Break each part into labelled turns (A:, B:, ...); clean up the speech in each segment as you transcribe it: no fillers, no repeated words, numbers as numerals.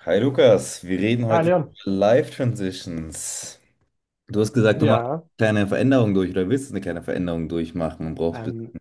A: Hi Lukas, wir reden
B: Ah,
A: heute
B: Leon.
A: über Life Transitions. Du hast gesagt, du machst
B: Ja,
A: eine kleine Veränderung durch oder willst eine kleine Veränderung durchmachen und brauchst ein
B: ähm,
A: bisschen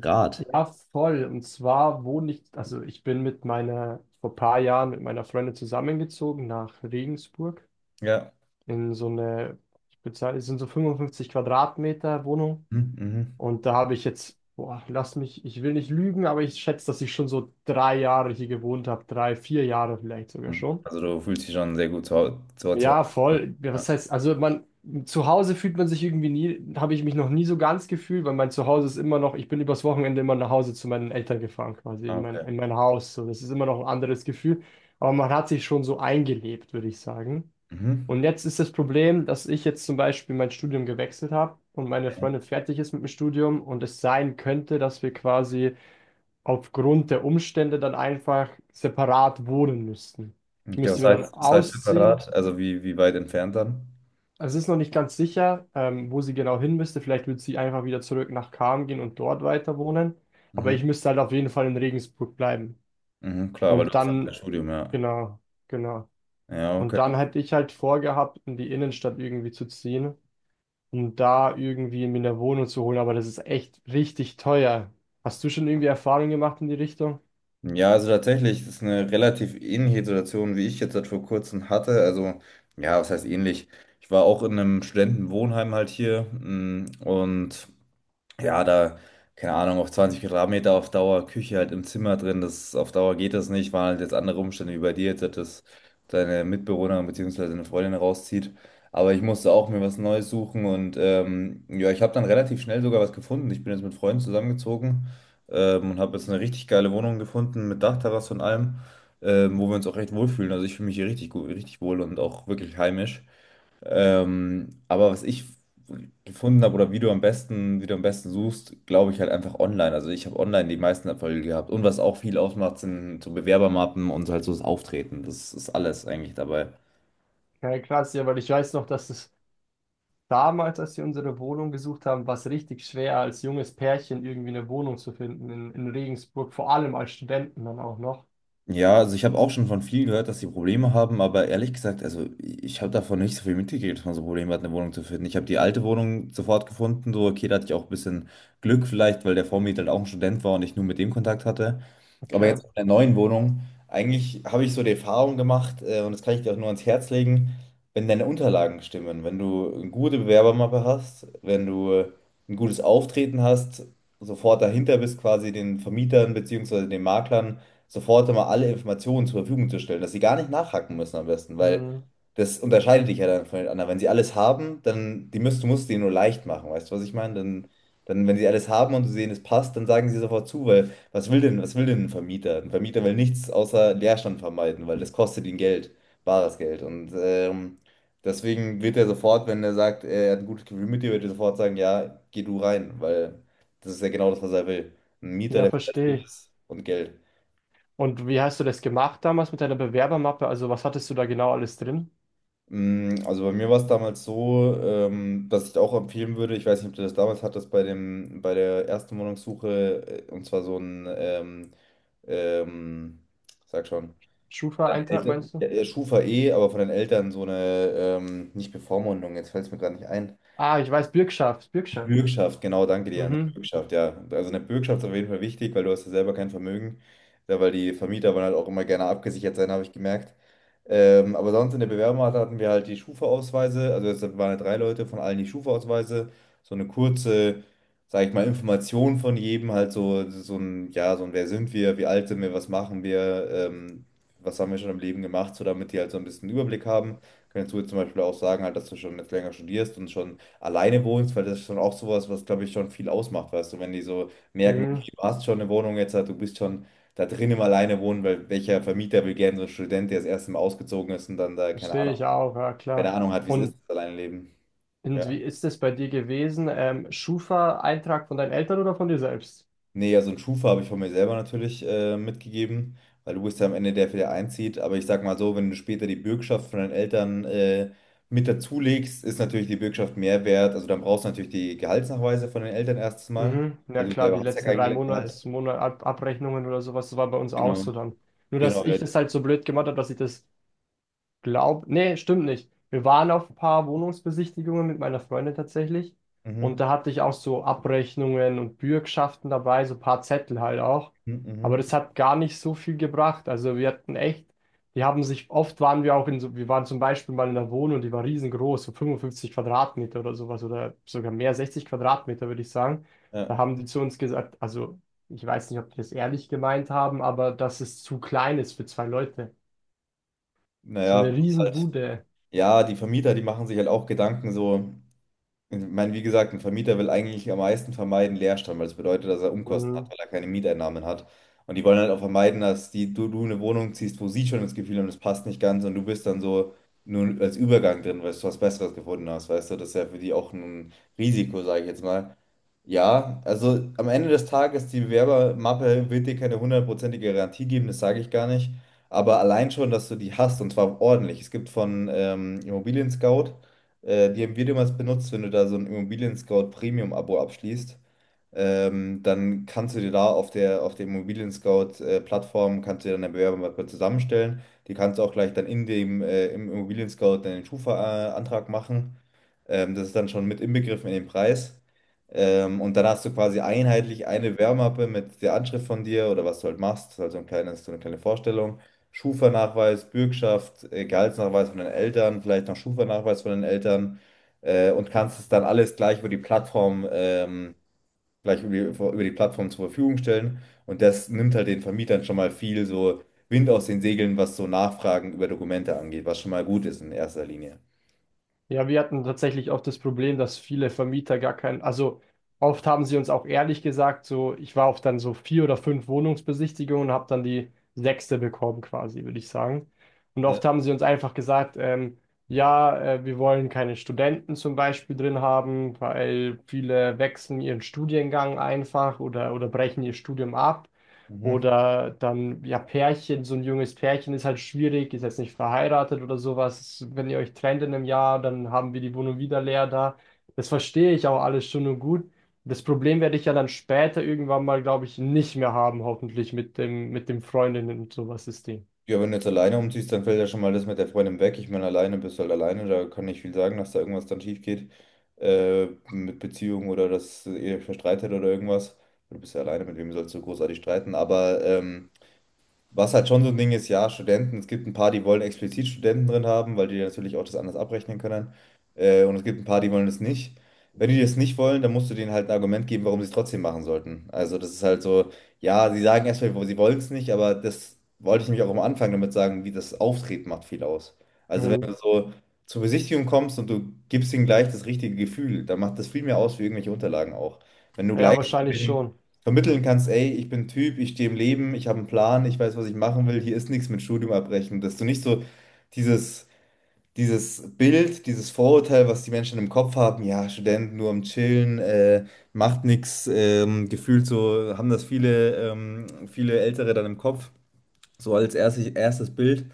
A: Rat.
B: ja, voll. Und zwar wohne ich, also ich bin mit meiner, vor ein paar Jahren mit meiner Freundin zusammengezogen nach Regensburg
A: Ja.
B: in so eine, ich bezahle, es sind so 55 Quadratmeter Wohnung.
A: Mhm,
B: Und da habe ich jetzt, boah, lass mich, ich will nicht lügen, aber ich schätze, dass ich schon so drei Jahre hier gewohnt habe, drei, vier Jahre vielleicht sogar
A: mhm.
B: schon.
A: Also du fühlst dich schon sehr gut zu Hause. Zu
B: Ja,
A: Hause.
B: voll. Ja,
A: Ja.
B: was heißt, also man, zu Hause fühlt man sich irgendwie nie, habe ich mich noch nie so ganz gefühlt, weil mein Zuhause ist immer noch, ich bin übers Wochenende immer nach Hause zu meinen Eltern gefahren, quasi
A: Ah, okay.
B: in mein Haus. So, das ist immer noch ein anderes Gefühl. Aber man hat sich schon so eingelebt, würde ich sagen.
A: Mhm.
B: Und jetzt ist das Problem, dass ich jetzt zum Beispiel mein Studium gewechselt habe und meine Freundin fertig ist mit dem Studium und es sein könnte, dass wir quasi aufgrund der Umstände dann einfach separat wohnen müssten. Ich
A: Okay,
B: müsste
A: was
B: mir
A: heißt,
B: dann
A: was heißt
B: ausziehen
A: separat? Also wie weit entfernt dann?
B: also, es ist noch nicht ganz sicher, wo sie genau hin müsste. Vielleicht wird sie einfach wieder zurück nach Cham gehen und dort weiter wohnen. Aber
A: Mhm.
B: ich müsste halt auf jeden Fall in Regensburg bleiben.
A: Mhm, klar, weil du
B: Und
A: hast
B: dann,
A: ein Studium, ja.
B: genau, genau.
A: Ja,
B: Und
A: okay.
B: dann hätte ich halt vorgehabt, in die Innenstadt irgendwie zu ziehen, um da irgendwie mir eine Wohnung zu holen. Aber das ist echt richtig teuer. Hast du schon irgendwie Erfahrungen gemacht in die Richtung?
A: Ja, also tatsächlich, das ist eine relativ ähnliche Situation, wie ich jetzt halt vor kurzem hatte. Also, ja, was heißt ähnlich? Ich war auch in einem Studentenwohnheim halt hier und. Ja, da, keine Ahnung, auf 20 Quadratmeter auf Dauer, Küche halt im Zimmer drin, das auf Dauer geht das nicht, waren halt jetzt andere Umstände wie bei dir, jetzt, dass deine Mitbewohnerin bzw. deine Freundin rauszieht. Aber ich musste auch mir was Neues suchen und ja, ich habe dann relativ schnell sogar was gefunden. Ich bin jetzt mit Freunden zusammengezogen und habe jetzt eine richtig geile Wohnung gefunden mit Dachterrasse und allem, wo wir uns auch recht wohlfühlen. Also ich fühle mich hier richtig gut, richtig wohl und auch wirklich heimisch. Aber was ich gefunden habe oder wie du am besten suchst, glaube ich halt einfach online. Also ich habe online die meisten Erfolge gehabt. Und was auch viel ausmacht, sind so Bewerbermappen und so halt so das Auftreten. Das ist alles eigentlich dabei.
B: Ja, krass, ja, weil ich weiß noch, dass es damals, als wir unsere Wohnung gesucht haben, war es richtig schwer, als junges Pärchen irgendwie eine Wohnung zu finden in Regensburg, vor allem als Studenten dann auch noch.
A: Ja, also ich habe auch schon von vielen gehört, dass sie Probleme haben, aber ehrlich gesagt, also ich habe davon nicht so viel mitgekriegt, dass man so Probleme hat, eine Wohnung zu finden. Ich habe die alte Wohnung sofort gefunden, so okay, da hatte ich auch ein bisschen Glück vielleicht, weil der Vormieter halt auch ein Student war und ich nur mit dem Kontakt hatte. Aber
B: Okay.
A: jetzt in der neuen Wohnung, eigentlich habe ich so die Erfahrung gemacht, und das kann ich dir auch nur ans Herz legen, wenn deine Unterlagen stimmen, wenn du eine gute Bewerbermappe hast, wenn du ein gutes Auftreten hast, sofort dahinter bist quasi den Vermietern beziehungsweise den Maklern sofort immer alle Informationen zur Verfügung zu stellen, dass sie gar nicht nachhaken müssen am besten, weil
B: Mhm.
A: das unterscheidet dich ja dann von den anderen. Wenn sie alles haben, dann du musst denen nur leicht machen, weißt du, was ich meine? Dann, wenn sie alles haben und sie sehen, es passt, dann sagen sie sofort zu, weil was will denn ein Vermieter? Ein Vermieter will nichts außer Leerstand vermeiden, weil das kostet ihn Geld, bares Geld. Und deswegen wird er sofort, wenn er sagt, er hat ein gutes Gefühl mit dir, wird er sofort sagen, ja, geh du rein, weil das ist ja genau das, was er will. Ein Mieter,
B: Ja,
A: der
B: verstehe
A: verlässlich
B: ich.
A: ist und Geld.
B: Und wie hast du das gemacht damals mit deiner Bewerbermappe? Also, was hattest du da genau alles drin?
A: Also bei mir war es damals so, dass ich auch empfehlen würde, ich weiß nicht, ob du das damals hattest, bei der ersten Wohnungssuche, und zwar so ein, ähm, sag schon, von deinen
B: Schufa-Eintrag
A: Eltern,
B: meinst
A: ja,
B: du?
A: ja, Schufa eh, aber von den Eltern so eine, nicht Bevormundung, jetzt fällt es mir gerade nicht ein.
B: Ah, ich weiß, Bürgschaft, Bürgschaft.
A: Bürgschaft, genau, danke dir. Eine
B: Mhm.
A: Bürgschaft, ja. Also eine Bürgschaft ist auf jeden Fall wichtig, weil du hast ja selber kein Vermögen, ja, weil die Vermieter wollen halt auch immer gerne abgesichert sein, habe ich gemerkt. Aber sonst in der Bewerbung hatten wir halt die Schufa-Ausweise, also es waren halt drei Leute von allen die Schufa-Ausweise, so eine kurze, sage ich mal, Information von jedem, halt so, so ein, ja, so ein, wer sind wir, wie alt sind wir, was machen wir, was haben wir schon im Leben gemacht, so damit die halt so ein bisschen Überblick haben. Kannst du jetzt zum Beispiel auch sagen, halt, dass du schon jetzt länger studierst und schon alleine wohnst, weil das ist schon auch sowas, was, glaube ich, schon viel ausmacht, weißt du, wenn die so merken,
B: Mhm.
A: okay, du hast schon eine Wohnung jetzt, halt, du bist schon da drin im Alleine wohnen, weil welcher Vermieter will gerne so einen Student, der das erste Mal ausgezogen ist und dann da, keine
B: Verstehe
A: Ahnung,
B: ich auch, ja
A: keine
B: klar.
A: Ahnung hat, wie es ist,
B: Und,
A: das alleine leben.
B: und wie
A: Ja.
B: ist das bei dir gewesen? Schufa-Eintrag von deinen Eltern oder von dir selbst?
A: Nee, also einen Schufa habe ich von mir selber natürlich mitgegeben, weil du bist ja am Ende der, der einzieht. Aber ich sag mal so, wenn du später die Bürgschaft von deinen Eltern mit dazulegst, ist natürlich die Bürgschaft mehr wert. Also dann brauchst du natürlich die Gehaltsnachweise von den Eltern erstes Mal.
B: Mhm. Ja
A: Also du
B: klar,
A: selber
B: die
A: hast ja
B: letzten
A: kein
B: drei
A: Gehalt.
B: Monats, Monat Ab- Abrechnungen oder sowas, das war bei uns auch
A: Genau,
B: so dann. Nur, dass
A: genau. Ja.
B: ich das halt so blöd gemacht habe, dass ich das. Glaub, nee, stimmt nicht. Wir waren auf ein paar Wohnungsbesichtigungen mit meiner Freundin tatsächlich. Und
A: Mhm.
B: da hatte ich auch so Abrechnungen und Bürgschaften dabei, so ein paar Zettel halt auch.
A: Mhm.
B: Aber
A: Mhm.
B: das hat gar nicht so viel gebracht. Also wir hatten echt, die haben sich, oft waren wir auch in so, wir waren zum Beispiel mal in einer Wohnung, die war riesengroß, so 55 Quadratmeter oder sowas oder sogar mehr, 60 Quadratmeter würde ich sagen.
A: Ja.
B: Da haben die zu uns gesagt, also ich weiß nicht, ob die das ehrlich gemeint haben, aber dass es zu klein ist für zwei Leute. So
A: Naja,
B: eine
A: das ist halt,
B: Riesenbude.
A: ja, die Vermieter, die machen sich halt auch Gedanken so. Ich meine, wie gesagt, ein Vermieter will eigentlich am meisten vermeiden Leerstand, weil das bedeutet, dass er Umkosten hat,
B: Mhm.
A: weil er keine Mieteinnahmen hat. Und die wollen halt auch vermeiden, dass du eine Wohnung ziehst, wo sie schon das Gefühl haben, es passt nicht ganz und du bist dann so nur als Übergang drin, weil du was Besseres gefunden hast. Weißt du, das ist ja für die auch ein Risiko, sage ich jetzt mal. Ja, also am Ende des Tages, die Bewerbermappe wird dir keine hundertprozentige Garantie geben, das sage ich gar nicht. Aber allein schon, dass du die hast und zwar ordentlich. Es gibt von Immobilien Scout, die haben wir damals benutzt, wenn du da so ein Immobilien Scout Premium-Abo abschließt, dann kannst du dir da auf der Immobilien Scout Plattform, kannst du dir dann eine Bewerbermappe zusammenstellen. Die kannst du auch gleich dann im Immobilien Scout deinen Schufa-Antrag machen. Das ist dann schon mit inbegriffen in den Preis. Und dann hast du quasi einheitlich eine Wärmmappe mit der Anschrift von dir oder was du halt machst, also ein kleines, so eine kleine Vorstellung. Schufa-Nachweis, Bürgschaft, Gehaltsnachweis von den Eltern, vielleicht noch Schufa-Nachweis von den Eltern und kannst es dann alles gleich über die Plattform, gleich über die Plattform zur Verfügung stellen. Und das nimmt halt den Vermietern schon mal viel so Wind aus den Segeln, was so Nachfragen über Dokumente angeht, was schon mal gut ist in erster Linie.
B: Ja, wir hatten tatsächlich auch das Problem, dass viele Vermieter gar keinen, also oft haben sie uns auch ehrlich gesagt, so ich war auf dann so vier oder fünf Wohnungsbesichtigungen und habe dann die sechste bekommen quasi, würde ich sagen. Und
A: Ja.
B: oft haben sie uns einfach gesagt, ja, wir wollen keine Studenten zum Beispiel drin haben, weil viele wechseln ihren Studiengang einfach oder brechen ihr Studium ab.
A: Mhm.
B: Oder dann, ja, Pärchen, so ein junges Pärchen ist halt schwierig, ist jetzt nicht verheiratet oder sowas. Wenn ihr euch trennt in einem Jahr, dann haben wir die Wohnung wieder leer da. Das verstehe ich auch alles schon und gut. Das Problem werde ich ja dann später irgendwann mal, glaube ich, nicht mehr haben, hoffentlich mit dem Freundinnen und sowas System.
A: Ja, wenn du jetzt alleine umziehst, dann fällt ja schon mal das mit der Freundin weg. Ich meine, alleine bist du halt alleine, da kann nicht viel sagen, dass da irgendwas dann schief geht. Mit Beziehung oder dass ihr euch verstreitet oder irgendwas. Du bist ja alleine, mit wem sollst du großartig streiten? Aber was halt schon so ein Ding ist, ja, Studenten, es gibt ein paar, die wollen explizit Studenten drin haben, weil die natürlich auch das anders abrechnen können. Und es gibt ein paar, die wollen es nicht. Wenn die das nicht wollen, dann musst du denen halt ein Argument geben, warum sie es trotzdem machen sollten. Also das ist halt so, ja, sie sagen erstmal, sie wollen es nicht, aber das wollte ich nämlich auch am Anfang damit sagen, wie das Auftreten macht viel aus. Also wenn
B: Mhm.
A: du so zur Besichtigung kommst und du gibst ihnen gleich das richtige Gefühl, dann macht das viel mehr aus wie irgendwelche Unterlagen auch. Wenn du
B: Ja,
A: gleich zu
B: wahrscheinlich
A: den
B: schon.
A: vermitteln kannst, ey, ich bin ein Typ, ich stehe im Leben, ich habe einen Plan, ich weiß, was ich machen will, hier ist nichts mit Studium abbrechen, dass du nicht so dieses, dieses Bild, dieses Vorurteil, was die Menschen im Kopf haben, ja, Studenten nur am Chillen, macht nichts, gefühlt so haben das viele, viele Ältere dann im Kopf. So als erstes Bild.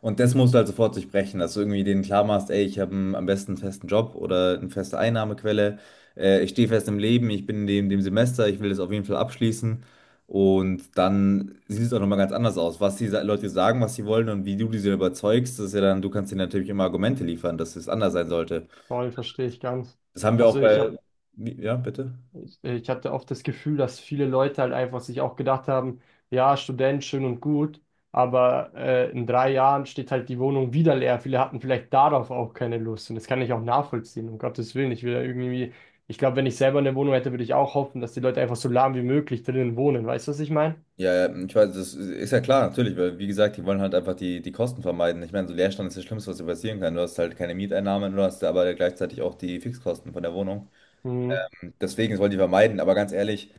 A: Und das musst du halt sofort durchbrechen, dass du irgendwie denen klar machst, ey, ich habe am besten einen festen Job oder eine feste Einnahmequelle. Ich stehe fest im Leben, ich bin in dem Semester, ich will das auf jeden Fall abschließen. Und dann sieht es auch nochmal ganz anders aus. Was die Leute sagen, was sie wollen und wie du diese überzeugst, das ist ja dann, du kannst ihnen natürlich immer Argumente liefern, dass es anders sein sollte.
B: Vor allem verstehe ich ganz.
A: Das haben wir auch
B: Also ich habe.
A: bei. Ja, bitte?
B: Ich hatte oft das Gefühl, dass viele Leute halt einfach sich auch gedacht haben, ja, Student, schön und gut, aber in drei Jahren steht halt die Wohnung wieder leer. Viele hatten vielleicht darauf auch keine Lust und das kann ich auch nachvollziehen, um Gottes Willen. Ich will da irgendwie, ich glaube, wenn ich selber eine Wohnung hätte, würde ich auch hoffen, dass die Leute einfach so lahm wie möglich drinnen wohnen. Weißt du, was ich meine?
A: Ja, ja, ich weiß, das ist ja klar, natürlich, weil wie gesagt, die wollen halt einfach die Kosten vermeiden. Ich meine, so Leerstand ist das Schlimmste, was dir passieren kann. Du hast halt keine Mieteinnahmen, du hast aber gleichzeitig auch die Fixkosten von der Wohnung.
B: Mhm,
A: Deswegen das wollen die vermeiden, aber ganz ehrlich,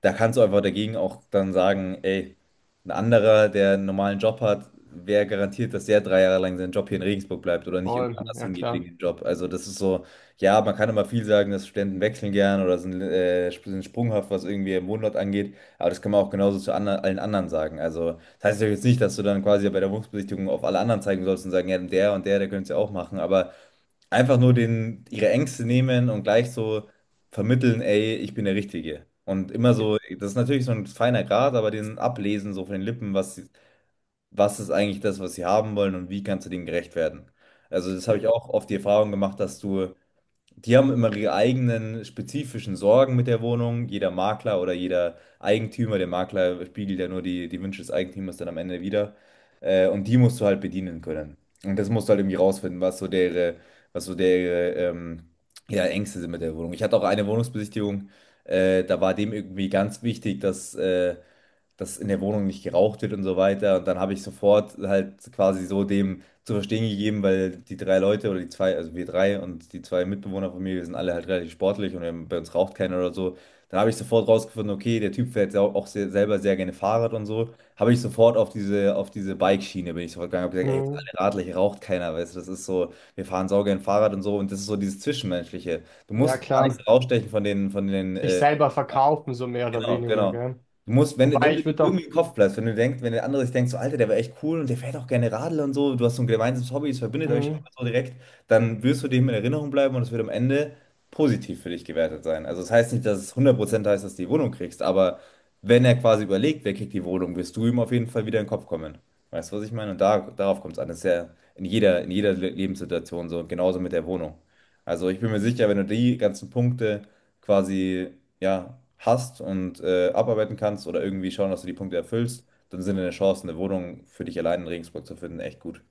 A: da kannst du einfach dagegen auch dann sagen, ey, ein anderer, der einen normalen Job hat, wer garantiert, dass der 3 Jahre lang seinen Job hier in Regensburg bleibt oder nicht irgendwo
B: voll,
A: anders
B: ja
A: hingeht wegen
B: klar.
A: dem Job? Also das ist so, ja, man kann immer viel sagen, dass Studenten wechseln gern oder sind, sind sprunghaft, was irgendwie im Wohnort angeht, aber das kann man auch genauso zu allen anderen sagen. Also das heißt ja jetzt nicht, dass du dann quasi bei der Wohnungsbesichtigung auf alle anderen zeigen sollst und sagen, ja, der und der, der könnte es ja auch machen, aber einfach nur den, ihre Ängste nehmen und gleich so vermitteln, ey, ich bin der Richtige. Und immer
B: Äh,
A: so, das ist natürlich so ein feiner Grat, aber den ablesen so von den Lippen, was, was ist eigentlich das, was sie haben wollen und wie kannst du denen gerecht werden. Also das habe
B: äh,
A: ich auch oft die Erfahrung gemacht, dass du die haben immer ihre eigenen spezifischen Sorgen mit der Wohnung. Jeder Makler oder jeder Eigentümer, der Makler spiegelt ja nur die Wünsche des Eigentümers dann am Ende wieder. Und die musst du halt bedienen können. Und das musst du halt irgendwie rausfinden, was so deren, ja, Ängste sind mit der Wohnung. Ich hatte auch eine Wohnungsbesichtigung, da war dem irgendwie ganz wichtig, dass dass in der Wohnung nicht geraucht wird und so weiter. Und dann habe ich sofort halt quasi so dem zu verstehen gegeben, weil die drei Leute oder die zwei, also wir drei und die zwei Mitbewohner von mir, wir sind alle halt relativ sportlich und bei uns raucht keiner oder so. Dann habe ich sofort rausgefunden, okay, der Typ fährt auch sehr, selber sehr gerne Fahrrad und so. Habe ich sofort auf diese Bike-Schiene bin ich sofort gegangen, habe gesagt, ey, wir sind
B: Mhm,
A: alle Radler, hier raucht keiner, weißt du, das ist so, wir fahren saugern Fahrrad und so und das ist so dieses Zwischenmenschliche. Du
B: ja
A: musst gar
B: klar.
A: nichts rausstechen von den
B: Sich selber verkaufen, so mehr oder
A: Genau,
B: weniger,
A: genau.
B: gell?
A: Du musst, wenn,
B: Wobei
A: wenn du
B: ich
A: dir
B: würde auch.
A: irgendwie im Kopf bleibst, wenn du denkst, wenn der andere sich denkt, so Alter, der war echt cool und der fährt auch gerne Radl und so, du hast so ein gemeinsames Hobby, es verbindet euch auch
B: Mhm.
A: so direkt, dann wirst du dem in Erinnerung bleiben und es wird am Ende positiv für dich gewertet sein. Also es das heißt nicht, dass es 100% heißt, dass du die Wohnung kriegst, aber wenn er quasi überlegt, wer kriegt die Wohnung, wirst du ihm auf jeden Fall wieder in den Kopf kommen. Weißt du, was ich meine? Und da, darauf kommt es an. Das ist ja in jeder Lebenssituation so, genauso mit der Wohnung. Also ich bin mir sicher, wenn du die ganzen Punkte quasi ja, hast und abarbeiten kannst oder irgendwie schauen, dass du die Punkte erfüllst, dann sind deine Chancen, eine Wohnung für dich allein in Regensburg zu finden, echt gut.